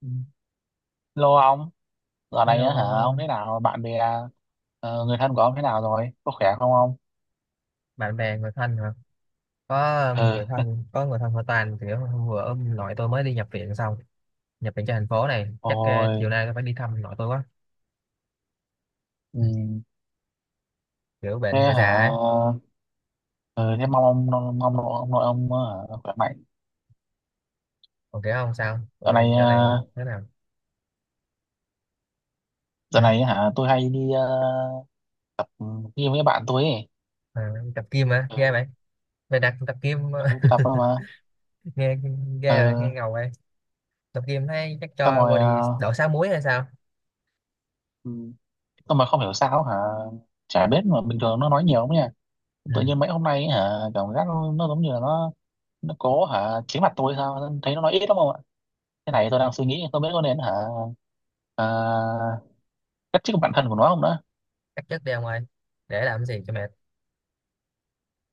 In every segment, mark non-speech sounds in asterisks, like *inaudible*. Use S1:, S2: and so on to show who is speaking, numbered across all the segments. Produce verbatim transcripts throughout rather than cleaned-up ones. S1: Ừ. Lô ông, dạo này á hả, ông
S2: Hello,
S1: thế nào, bạn bè, ờ, người thân của ông thế nào rồi, có khỏe không ông?
S2: bạn bè người thân hả? Có um,
S1: Ờ,
S2: người thân có người thân họ Toàn thì hôm vừa ông nội tôi mới đi nhập viện xong, nhập viện cho thành phố này, chắc uh, chiều
S1: ôi,
S2: nay tôi phải đi thăm nội tôi quá.
S1: ừ,
S2: Kiểu
S1: thế
S2: bệnh người
S1: hả,
S2: già ấy,
S1: ờ, thế mong ông, mong ông nội ông, nội ông hả, khỏe mạnh.
S2: còn kiểu không sao?
S1: Dạo
S2: Rồi
S1: này,
S2: dạo
S1: ờ,
S2: này thế nào? Ừ.
S1: dạo này hả, tôi hay đi ờ, tập gym với bạn tôi ấy.
S2: À, tập gym hả? Ghê vậy. Mày đặt tập gym *laughs*
S1: Ừ, tôi tập thôi mà.
S2: nghe ghê vậy,
S1: Ờ,
S2: nghe ngầu vậy. Tập gym thấy chắc
S1: xong
S2: cho
S1: rồi,
S2: body
S1: ờ,
S2: đậu sáu muối hay sao?
S1: ừ, xong rồi không hiểu sao hả, chả biết mà bình thường nó nói nhiều lắm nha.
S2: Ừ.
S1: Tự nhiên mấy hôm nay hả, cảm giác nó, nó giống như là nó nó có hả chính mặt tôi sao thấy nó nói ít lắm không ạ, cái này tôi đang suy nghĩ tôi biết có nên hả, à, cách chức bản thân của nó không đó.
S2: Cắt chất đi ông ơi. Để làm gì cho mệt.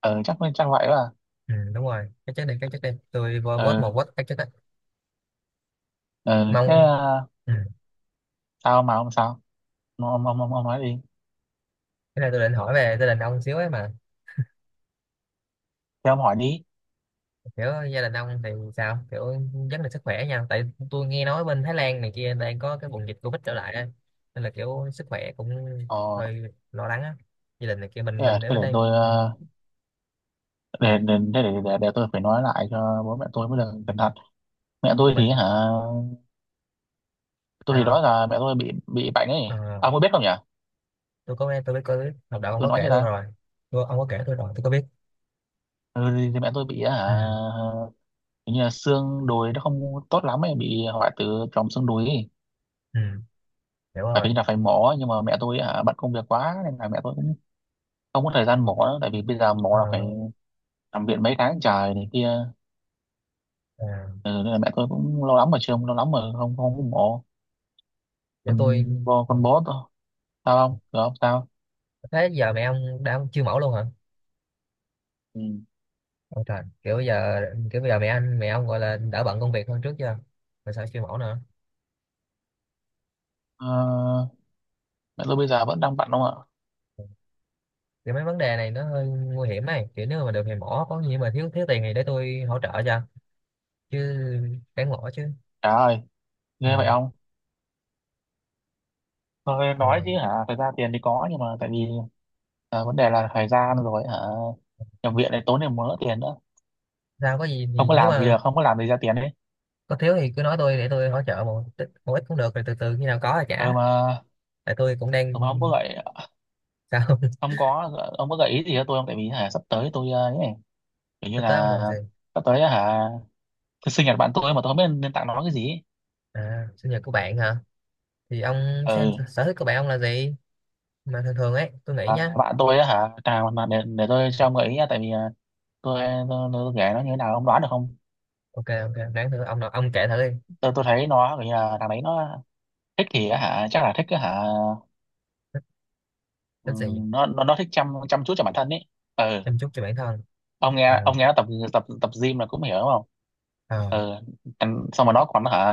S1: Ừ chắc chắc vậy. Là
S2: Ừ, đúng rồi. Cắt chất đi, cắt chất đi. Tôi vô vote một
S1: ừ,
S2: vote cắt chất á.
S1: ừ, thế
S2: Mong
S1: à,
S2: ừ.
S1: sao mà ông sao ông, ông, ông, ông ông nói đi.
S2: Cái này tôi định hỏi về gia đình ông xíu ấy mà,
S1: Thế ông hỏi đi.
S2: kiểu gia đình ông thì sao, kiểu vấn đề sức khỏe nha, tại tôi nghe nói bên Thái Lan này kia đang có cái bùng dịch Covid trở lại ấy. Nên là kiểu sức khỏe cũng
S1: ờ
S2: hơi lo lắng á, gia đình này kia, mình
S1: thế để,
S2: mình ở
S1: thế
S2: bên
S1: để
S2: đây.
S1: tôi
S2: Ừ.
S1: ờ, để để, thế để, để để tôi phải nói lại cho bố mẹ tôi mới được cẩn thận. Mẹ
S2: Cái
S1: tôi thì
S2: mình
S1: hả, tôi thì đó
S2: sao.
S1: là mẹ tôi bị bị bệnh
S2: Ờ,
S1: ấy, ông có biết không nhỉ?
S2: tôi có nghe tôi biết, có biết học đạo ông
S1: Tôi
S2: có
S1: nói
S2: kể
S1: cho
S2: tôi
S1: ta.
S2: rồi. Tôi, ông có kể tôi rồi tôi có biết.
S1: Ừ, thì mẹ tôi bị
S2: Ừ.
S1: hả, hình như là xương đùi nó không tốt lắm ấy, bị hoại tử tròng xương đùi ấy.
S2: Ừ. Hiểu
S1: Phải
S2: rồi.
S1: hình như là phải mổ, nhưng mà mẹ tôi hả bận công việc quá nên là mẹ tôi cũng không có thời gian mổ nữa. Tại vì bây giờ mổ
S2: Ờ,
S1: là phải nằm viện mấy tháng trời này kia.
S2: à,
S1: Ừ, nên là mẹ tôi cũng lâu lắm mà chưa, lâu lắm mà không không có mổ.
S2: kiểu
S1: Còn
S2: tôi
S1: bố
S2: ờ,
S1: con bố tôi sao không được không sao.
S2: thế giờ mẹ ông đã chưa mẫu luôn hả?
S1: Ừ.
S2: Ôi trời, kiểu bây giờ, kiểu bây giờ mẹ anh mẹ ông gọi là đỡ bận công việc hơn trước chưa mà sao siêu mẫu nữa?
S1: Ờ, mẹ tôi bây giờ vẫn đang bận không ạ.
S2: Kiểu mấy vấn đề này nó hơi nguy hiểm ấy, kiểu nếu mà được thì mỏ có nghĩa, mà thiếu thiếu tiền thì để tôi hỗ trợ cho, chứ đáng mỏ chứ.
S1: Trời ơi,
S2: Ừ.
S1: ghê vậy không? Tôi nói chứ
S2: Rồi
S1: hả, thời gian tiền thì có, nhưng mà tại vì à, vấn đề là thời gian rồi hả, nhập viện này tốn thêm mớ tiền nữa.
S2: sao, có gì
S1: Không
S2: thì
S1: có
S2: nếu
S1: làm thì
S2: mà
S1: được, không có làm thì ra tiền đấy.
S2: có thiếu thì cứ nói tôi để tôi hỗ trợ một ít, một ít cũng được, rồi từ từ khi nào có thì trả.
S1: ừ mà
S2: Tại tôi cũng đang
S1: ừ mà ông có gợi,
S2: sao. *laughs*
S1: ông có, ông có gợi ý gì cho tôi không? Tại vì hả sắp tới tôi ờ, ấy này, kiểu như
S2: Sắp tới ông
S1: là
S2: làm gì?
S1: sắp tới hả, sinh nhật bạn tôi mà tôi không biết nên tặng nó cái gì ấy.
S2: À, sinh nhật của bạn hả? Thì ông xem
S1: Ừ,
S2: sở thích của bạn ông là gì, mà thường thường ấy tôi nghĩ
S1: à,
S2: nhá.
S1: bạn tôi á hả, à, mà để để tôi cho ông gợi ý nha, tại vì ờ, tôi tôi, tôi kể nó như thế nào ông đoán được không?
S2: Ok, ok, đáng thử ông nào, ông kể thử đi.
S1: Tôi tôi thấy nó kiểu như là thằng đấy nó thích thì á hả, chắc là thích á hả.
S2: Thích gì?
S1: Ừm, nó nó nó thích chăm chăm chút cho bản thân ấy. Ừ,
S2: Chăm chút cho bản thân.
S1: ông
S2: À,
S1: nghe, ông nghe nó tập, tập tập gym là cũng hiểu đúng không.
S2: ờ.
S1: Ờ, em xong rồi nó còn hả,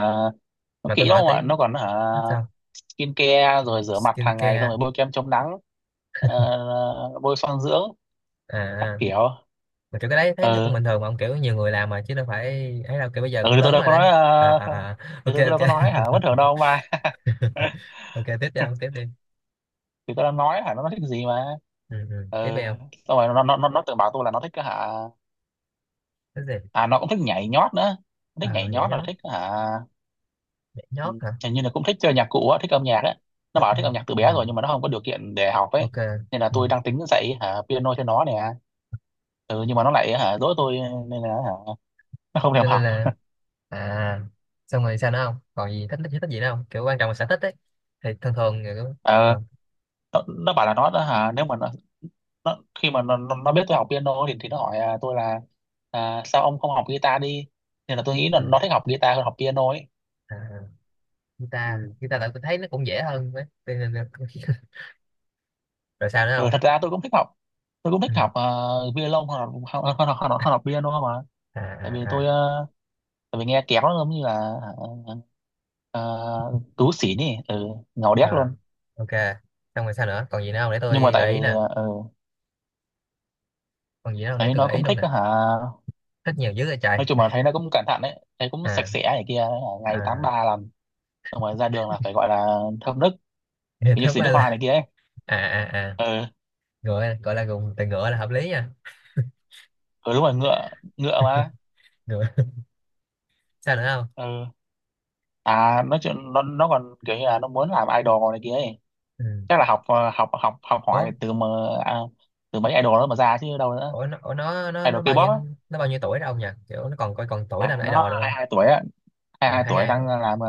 S1: nó
S2: Mà
S1: kỹ
S2: tôi
S1: lắm
S2: hỏi
S1: mà
S2: tới,
S1: nó còn hả,
S2: nó sao?
S1: skin care rồi rửa mặt
S2: Skin
S1: hàng ngày, xong rồi
S2: care.
S1: bôi kem chống nắng, ờ, bôi son dưỡng các
S2: À,
S1: kiểu.
S2: mà kiểu cái đấy thấy nó cũng
S1: Ờ,
S2: bình thường mà ông, kiểu nhiều người làm mà chứ đâu phải ấy đâu, kiểu bây giờ
S1: ừ,
S2: cũng
S1: thì tôi
S2: lớn
S1: đâu
S2: rồi
S1: có nói
S2: đấy. À,
S1: ờ,
S2: à, à.
S1: thì
S2: Ok
S1: tôi đâu có
S2: ok.
S1: nói hả bất thường đâu ông ba.
S2: *laughs* Ok tiếp đi ông, tiếp
S1: *laughs*
S2: đi.
S1: Thì tôi đã nói hả, nó nó thích gì mà.
S2: ừ, ừ. Tiếp
S1: Ờ,
S2: đi ông.
S1: xong rồi nó nó nó nó từng bảo tôi là nó thích cái hả,
S2: Cái gì?
S1: à nó cũng thích nhảy nhót nữa. Nó thích
S2: À,
S1: nhảy
S2: nhảy
S1: nhót rồi
S2: nhót.
S1: thích hả.
S2: Nhảy
S1: Ừ,
S2: nhót hả?
S1: hình như là cũng thích chơi nhạc cụ á, thích âm nhạc á. Nó bảo thích âm nhạc từ bé rồi
S2: Ờ,
S1: nhưng mà nó không có điều kiện để học ấy.
S2: ok.
S1: Nên là
S2: Ừ.
S1: tôi đang tính dạy hả, piano cho nó nè. Ừ, nhưng mà nó lại hả, dỗi tôi, nên là hả, nó không
S2: Cho
S1: thèm
S2: nên
S1: học.
S2: là. À, xong rồi sao nữa, không còn gì thích, thích, thích gì nữa không, kiểu quan trọng là sở thích ấy, thì thường thường người cũng
S1: Ờ,
S2: ờ,
S1: nó, nó bảo là nó nó hả, nếu mà nó, nó khi mà nó, nó nó biết tôi học piano thì thì nó hỏi à, tôi là, à, sao ông không học guitar đi. Nên là tôi nghĩ là
S2: à,
S1: nó thích học guitar hơn học piano ấy.
S2: à, guitar,
S1: Ừ.
S2: guitar tại tôi thấy nó cũng dễ hơn đấy. Cho nên là *laughs* rồi sao nữa
S1: Ừ,
S2: không.
S1: thật ra tôi cũng thích học, tôi cũng
S2: Ừ.
S1: thích học uh, violon hơn, học- hơn, hơn, hơn, hơn, hơn học piano mà.
S2: À
S1: Tại vì
S2: à à.
S1: tôi ờ, tại vì nghe kéo nó giống như là, ờ, tú xỉn ấy, ừ, ngầu đét
S2: Ờ,
S1: luôn.
S2: ok. Xong rồi sao nữa, còn gì nữa không để
S1: Nhưng mà
S2: tôi
S1: tại
S2: gợi
S1: vì
S2: ý nè,
S1: ừ,
S2: còn gì nữa không để
S1: thấy
S2: tôi
S1: nó
S2: gợi ý
S1: cũng
S2: luôn
S1: thích
S2: nè.
S1: hả,
S2: Thích nhiều dữ rồi trời.
S1: nói chung là thấy nó cũng cẩn thận đấy, thấy cũng sạch
S2: À
S1: sẽ này kia.
S2: à
S1: Ngày tám
S2: *laughs*
S1: ba làm xong rồi ra đường là phải gọi là thơm nức,
S2: thì
S1: như
S2: thứ
S1: xịt
S2: ba
S1: nước hoa này
S2: là
S1: kia ấy.
S2: à à à,
S1: Ừ,
S2: ngựa gọi là, dùng từ ngựa là hợp lý nha.
S1: ừ đúng rồi ngựa, ngựa mà.
S2: Ngựa. *laughs* Sao nữa không?
S1: Ừ. À, nói chuyện nó nó còn kiểu như là nó muốn làm idol này kia ấy.
S2: Ừ.
S1: Chắc là học ờ, học học học
S2: Ủa,
S1: hỏi từ mà, à, từ mấy idol đó mà ra chứ đâu nữa.
S2: ủa nó, ủa nó nó
S1: Idol
S2: nó bao
S1: K pop
S2: nhiêu,
S1: á.
S2: nó bao nhiêu tuổi rồi ông nhỉ, kiểu nó còn coi còn tuổi làm
S1: À nó
S2: idol được
S1: hai
S2: không?
S1: hai tuổi hai
S2: À,
S1: hai
S2: hai
S1: tuổi
S2: hai
S1: đang
S2: tuổi.
S1: ờ, làm ờ,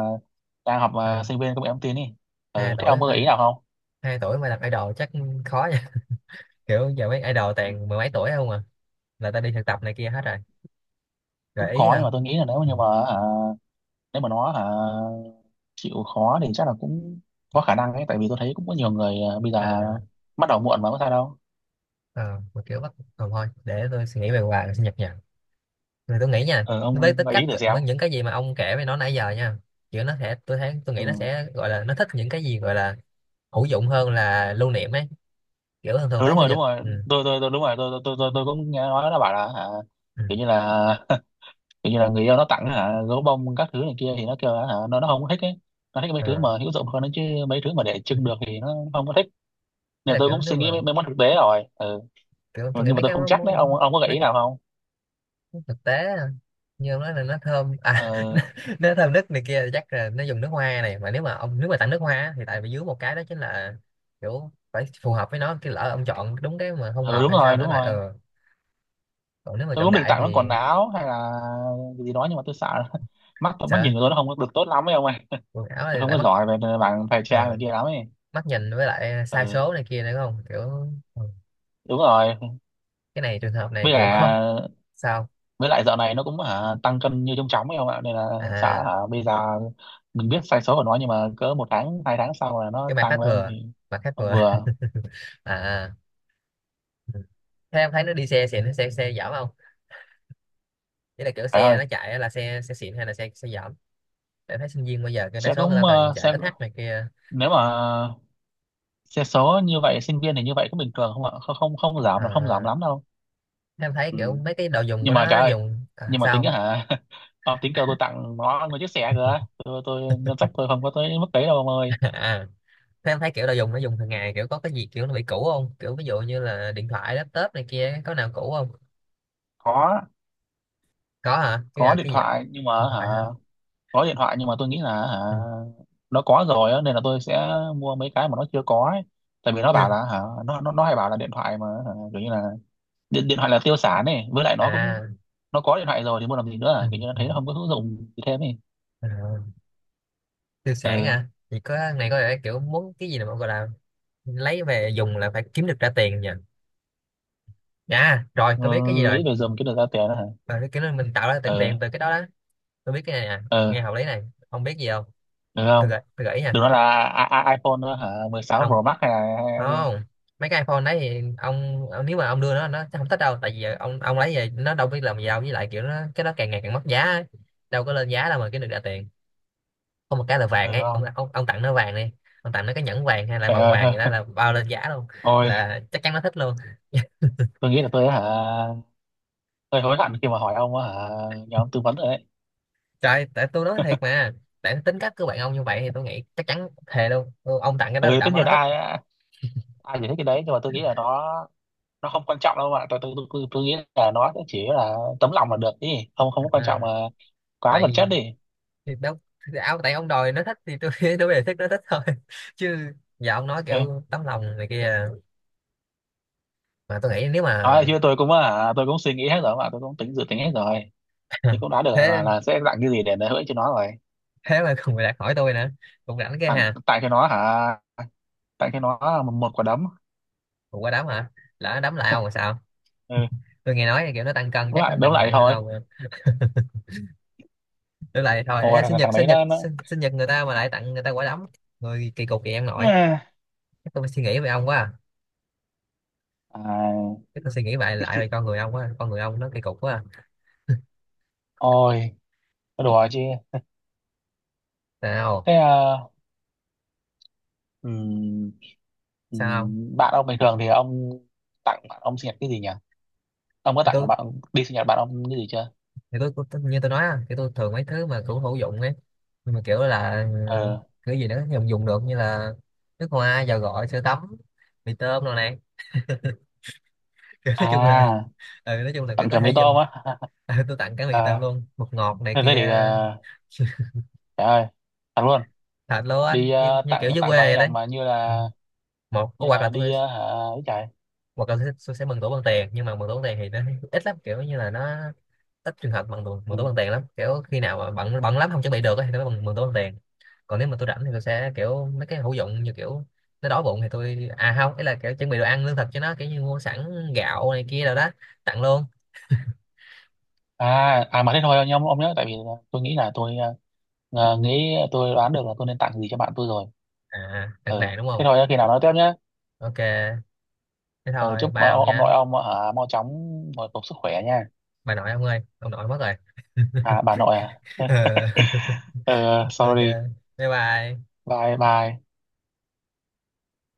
S1: đang học ờ,
S2: À,
S1: sinh viên công nghệ thông tin đi.
S2: hai hai
S1: Ừ, thế ông
S2: tuổi
S1: có
S2: mà,
S1: gợi ý nào không?
S2: hai hai tuổi mà làm idol chắc khó nha. *laughs* Kiểu giờ mấy idol
S1: Ừ.
S2: toàn mười mấy tuổi không à, là ta đi thực tập này kia hết rồi.
S1: Cũng
S2: Gợi ý
S1: khó nhưng
S2: hả.
S1: mà tôi nghĩ là nếu mà,
S2: Ừ.
S1: nhưng mà hả, nếu mà nó hả, chịu khó thì chắc là cũng có khả năng ấy. Tại vì tôi thấy cũng có nhiều người ờ, bây giờ
S2: À.
S1: bắt đầu muộn mà có sao đâu.
S2: Ờ, mà kiểu bắt ờ, thôi để tôi suy nghĩ về quà sinh nhật nha. Rồi tôi nghĩ nha,
S1: Ừ,
S2: với
S1: ông
S2: tính
S1: gợi ý
S2: cách
S1: thử
S2: cỡ-
S1: xem.
S2: với những cái gì mà ông kể với nó nãy giờ nha, kiểu nó sẽ, tôi thấy tôi nghĩ
S1: Ừ.
S2: nó sẽ gọi là nó thích những cái gì gọi là hữu dụng hơn là lưu niệm ấy, kiểu thường thường
S1: Ừ
S2: tới
S1: đúng
S2: sinh
S1: rồi, đúng
S2: nhật.
S1: rồi,
S2: Ừ.
S1: tôi tôi tôi đúng rồi, tôi tôi tôi, tôi, tôi cũng nghe nói nó bảo là hả,
S2: Ừ.
S1: kiểu như là *laughs* kiểu như là người yêu nó tặng hả, gấu bông các thứ này kia thì nó kêu là hả, nó nó không thích ấy. Nó thích mấy thứ
S2: Ờ.
S1: mà hữu dụng hơn đấy chứ. Mấy thứ mà để trưng được thì nó không có thích.
S2: Thế
S1: Nè
S2: là
S1: tôi
S2: kiểu
S1: cũng
S2: nếu
S1: suy nghĩ mấy,
S2: mà,
S1: mấy món thực tế rồi. Ừ.
S2: kiểu tôi nghĩ
S1: Nhưng mà
S2: mấy
S1: tôi
S2: cái
S1: không
S2: món,
S1: chắc đấy, ông
S2: món-
S1: ông có gợi
S2: mấy
S1: ý nào không?
S2: thực tế, như ông nói là nó thơm à. *laughs* nó,
S1: Ừ.
S2: nó thơm nước này kia chắc là nó dùng nước hoa này, mà nếu mà ông nếu mà tặng nước hoa á, thì tại vì dưới một cái đó chính là kiểu phải phù hợp với nó, cái lỡ ông chọn đúng cái mà không
S1: Ừ
S2: hợp
S1: đúng
S2: hay sao
S1: rồi,
S2: nữa
S1: đúng
S2: lại
S1: rồi,
S2: ờ, còn nếu mà
S1: tôi
S2: chọn
S1: cũng định
S2: đại
S1: tặng
S2: thì
S1: nó quần áo hay là cái gì đó, nhưng mà tôi sợ *laughs* mắt mắt
S2: sợ
S1: nhìn của tôi nó không có được tốt lắm ấy ông ơi.
S2: quần áo
S1: Tôi
S2: này
S1: không
S2: lại
S1: có
S2: mất.
S1: giỏi về mảng thời
S2: Ờ,
S1: trang này kia lắm ấy.
S2: mắt nhìn với lại sai
S1: Ừ.
S2: số này kia nữa, không kiểu ừ,
S1: Đúng rồi.
S2: cái này trường hợp
S1: Với
S2: này kiểu
S1: cả,
S2: khó. Sao.
S1: với lại dạo này nó cũng hả, tăng cân như trông chóng ấy ông ạ, nên là sợ
S2: À,
S1: hả, bây giờ mình biết sai số của nó nhưng mà cỡ một tháng hai tháng sau là nó
S2: cái mặt khách
S1: tăng lên
S2: vừa,
S1: thì
S2: mặt khách
S1: không
S2: vừa.
S1: vừa.
S2: *laughs* À. Ừ. Thế em thấy nó đi xe xịn, nó xe xe dở không? Đấy là kiểu
S1: Phải
S2: xe
S1: ơi,
S2: nó chạy là xe xe xịn hay là xe xe dởm, để thấy sinh viên bây giờ cái đa
S1: sẽ
S2: số người ta
S1: cũng
S2: toàn
S1: ờ,
S2: chạy
S1: sẽ,
S2: ét hát này kia.
S1: nếu mà xe số như vậy sinh viên thì như vậy có bình thường không ạ? Không không, không giảm là không giảm
S2: À,
S1: lắm đâu.
S2: thế em thấy
S1: Ừ.
S2: kiểu mấy cái đồ dùng của
S1: Nhưng mà trời
S2: nó
S1: ơi,
S2: dùng à,
S1: nhưng mà tính á
S2: sao.
S1: hả *laughs* ông tính kêu tôi tặng nó một chiếc xe kìa. Tôi, tôi ngân sách tôi không có tới mức đấy đâu ông ơi.
S2: *laughs* À, thế em thấy kiểu đồ dùng nó dùng hàng ngày kiểu có cái gì kiểu nó bị cũ không, kiểu ví dụ như là điện thoại laptop này kia có nào cũ không.
S1: có
S2: Có hả, cái
S1: có
S2: nào,
S1: điện
S2: cái gì?
S1: thoại nhưng mà
S2: Điện
S1: hả,
S2: thoại hả?
S1: có điện thoại nhưng mà tôi nghĩ là hả
S2: Ừ,
S1: nó có rồi á, nên là tôi sẽ mua mấy cái mà nó chưa có ấy. Tại vì nó
S2: chưa.
S1: bảo là hả, nó nó nó hay bảo là điện thoại mà hả, kiểu như là điện, điện thoại là tiêu sản này, với lại nó cũng,
S2: À.
S1: nó có điện thoại rồi thì mua làm gì nữa
S2: ừ,
S1: à? Kiểu như là
S2: ừ,
S1: thấy nó không có hữu dụng gì thêm ấy.
S2: à, tiêu sản
S1: Ừ.
S2: à, thì có này có lẽ kiểu muốn cái gì là gọi là lấy về dùng là phải kiếm được ra tiền nhỉ. À rồi
S1: Ờ,
S2: tôi biết cái gì rồi.
S1: lấy về dùng cái được ra tiền đó hả.
S2: Ờ, cái nó mình tạo ra tiền, tiền
S1: Ờ.
S2: từ cái đó đó. Tôi biết cái này nè, nghe
S1: Ờ,
S2: hợp lý này. Ông biết gì không?
S1: được
S2: tôi
S1: không?
S2: gợi tôi gợi ý nha.
S1: Đừng nói là I I iPhone nữa hả, mười sáu
S2: Không,
S1: Pro Max hay là,
S2: không, mấy cái iPhone đấy thì ông, ông nếu mà ông đưa nó nó sẽ không thích đâu, tại vì ông ông lấy về nó đâu biết làm gì đâu, với lại kiểu nó cái đó càng ngày càng mất giá ấy. Đâu có lên giá đâu mà kiếm được ra tiền. Có một cái là
S1: được
S2: vàng ấy ông,
S1: không?
S2: ông, ông tặng nó vàng đi. Ông tặng nó cái nhẫn vàng hay là
S1: Trời
S2: vòng
S1: ơi
S2: vàng gì đó
S1: *laughs*
S2: là bao lên giá luôn.
S1: thôi.
S2: Là chắc chắn nó thích luôn. *laughs*
S1: Tôi nghĩ là tôi hả hơi hối hận khi mà hỏi ông á hả, nhờ ông tư vấn rồi đấy.
S2: Trời tại tôi nói thiệt mà. Tại tính cách của bạn ông như vậy thì tôi nghĩ chắc chắn thề luôn. Ừ, ông tặng cái đó là
S1: Ừ tất
S2: đảm bảo
S1: nhiên
S2: nó
S1: là
S2: thích.
S1: ai, ai giải thích cái đấy, nhưng mà tôi nghĩ là nó nó không quan trọng đâu ạ. Tôi tôi, tôi, tôi, tôi nghĩ là nó cũng chỉ là tấm lòng là được đi, không, không có quan
S2: À,
S1: trọng mà, quá vật chất
S2: tại,
S1: đi.
S2: thì đâu, thì áo tại ông đòi nó thích thì tôi *laughs* tôi về thích nó thích thôi *laughs* chứ giờ ông nói
S1: Ừ.
S2: kiểu tấm lòng này kia, mà tôi nghĩ nếu mà.
S1: Nói chứ tôi cũng hả, tôi cũng suy nghĩ hết rồi mà, tôi cũng tính dự tính hết rồi.
S2: *laughs*
S1: Thì cũng đã được là,
S2: Thế,
S1: là sẽ tặng cái gì để để hỗ cho nó rồi.
S2: thế mà còn người đạt hỏi tôi nữa, cũng rảnh cái
S1: tặng
S2: hà.
S1: tặng cho nó hả, tặng cho nó một, một quả đấm.
S2: Cũng qua đấm hả? Lỡ đấm lại ông
S1: *laughs*
S2: là sao?
S1: Ừ,
S2: Tôi nghe nói kiểu nó tăng cân
S1: đúng
S2: chắc nó
S1: lại đúng
S2: nặng
S1: lại
S2: nặng hơn
S1: thôi.
S2: ông. Tôi lại thôi,
S1: Ôi
S2: ê, sinh
S1: thằng
S2: nhật,
S1: thằng đấy
S2: sinh nhật
S1: nó nó.
S2: sinh, sinh nhật người ta mà lại tặng người ta quả đấm. Người kỳ cục vậy ông nội.
S1: Yeah.
S2: Chắc tôi phải suy nghĩ về ông quá à.
S1: À,
S2: Chắc tôi suy nghĩ lại lại về con người ông quá à. Con người ông nó kỳ cục quá à.
S1: ôi nó đùa chứ.
S2: Sao.
S1: Thế à, ừm,
S2: Sao không.
S1: ừm, bạn ông bình thường thì ông tặng bạn ông sinh nhật cái gì nhỉ? Ông có
S2: Thì
S1: tặng
S2: tôi,
S1: bạn đi sinh nhật bạn ông cái gì chưa?
S2: thì tôi, tôi tôi- như tôi nói á, thì tôi thường mấy thứ mà cũng hữu dụng ấy, nhưng mà kiểu là ừ,
S1: Ờ,
S2: cái gì nữa dùng, dùng được như là nước hoa, dầu gội, sữa tắm, mì tôm rồi này. *laughs* Kiểu nói chung là
S1: à
S2: ừ, nói chung là cái
S1: tặng
S2: có
S1: chả mì
S2: thể
S1: tôm
S2: dùng.
S1: á?
S2: *laughs* Ừ, tôi tặng cả
S1: *laughs*
S2: mì
S1: À,
S2: tôm luôn, bột ngọt này
S1: thế thế thì
S2: kia.
S1: à,
S2: *laughs*
S1: trời ơi, thật luôn?
S2: Thật luôn anh,
S1: Đi
S2: như,
S1: à,
S2: như kiểu
S1: tặng
S2: dưới
S1: tặng
S2: quê
S1: quà sinh
S2: vậy
S1: nhật
S2: đấy.
S1: mà như
S2: Ừ.
S1: là,
S2: Một có,
S1: như
S2: hoặc là
S1: là đi
S2: tôi,
S1: à, hả, ấy trời.
S2: hoặc là tôi sẽ, tôi sẽ mừng tuổi bằng tiền, nhưng mà mừng tuổi bằng tiền thì nó *laughs* ít lắm, kiểu như là nó ít trường hợp bằng tuổi- mừng
S1: Ừ.
S2: tuổi bằng tiền lắm, kiểu khi nào mà bận bận lắm không chuẩn bị được ấy, thì nó mừng mừng tuổi bằng tiền. Còn nếu mà tôi rảnh thì tôi sẽ kiểu mấy cái hữu dụng, như kiểu nó đói bụng thì tôi à không, ấy là kiểu chuẩn bị đồ ăn lương thực cho nó, kiểu như mua sẵn gạo này kia rồi đó, tặng luôn.
S1: À, à mà thế thôi nhá, ông ông nhớ tại vì tôi nghĩ là tôi ờ, nghĩ, tôi đoán được là tôi nên tặng gì cho bạn tôi rồi.
S2: À tặng
S1: Ừ,
S2: vàng đúng
S1: thế
S2: không?
S1: thôi nhá, khi nào nói tiếp nhé.
S2: Ok. Thế
S1: Ừ,
S2: thôi
S1: chúc ờ,
S2: bao
S1: ông
S2: nha.
S1: nội ông ở mau chóng hồi phục sức khỏe nha.
S2: Bà nội ông ơi, ông nội mất rồi. *laughs*
S1: À bà nội à.
S2: Ờ,
S1: *laughs* Ừ,
S2: ok,
S1: sorry.
S2: bye bye.
S1: Bye bye.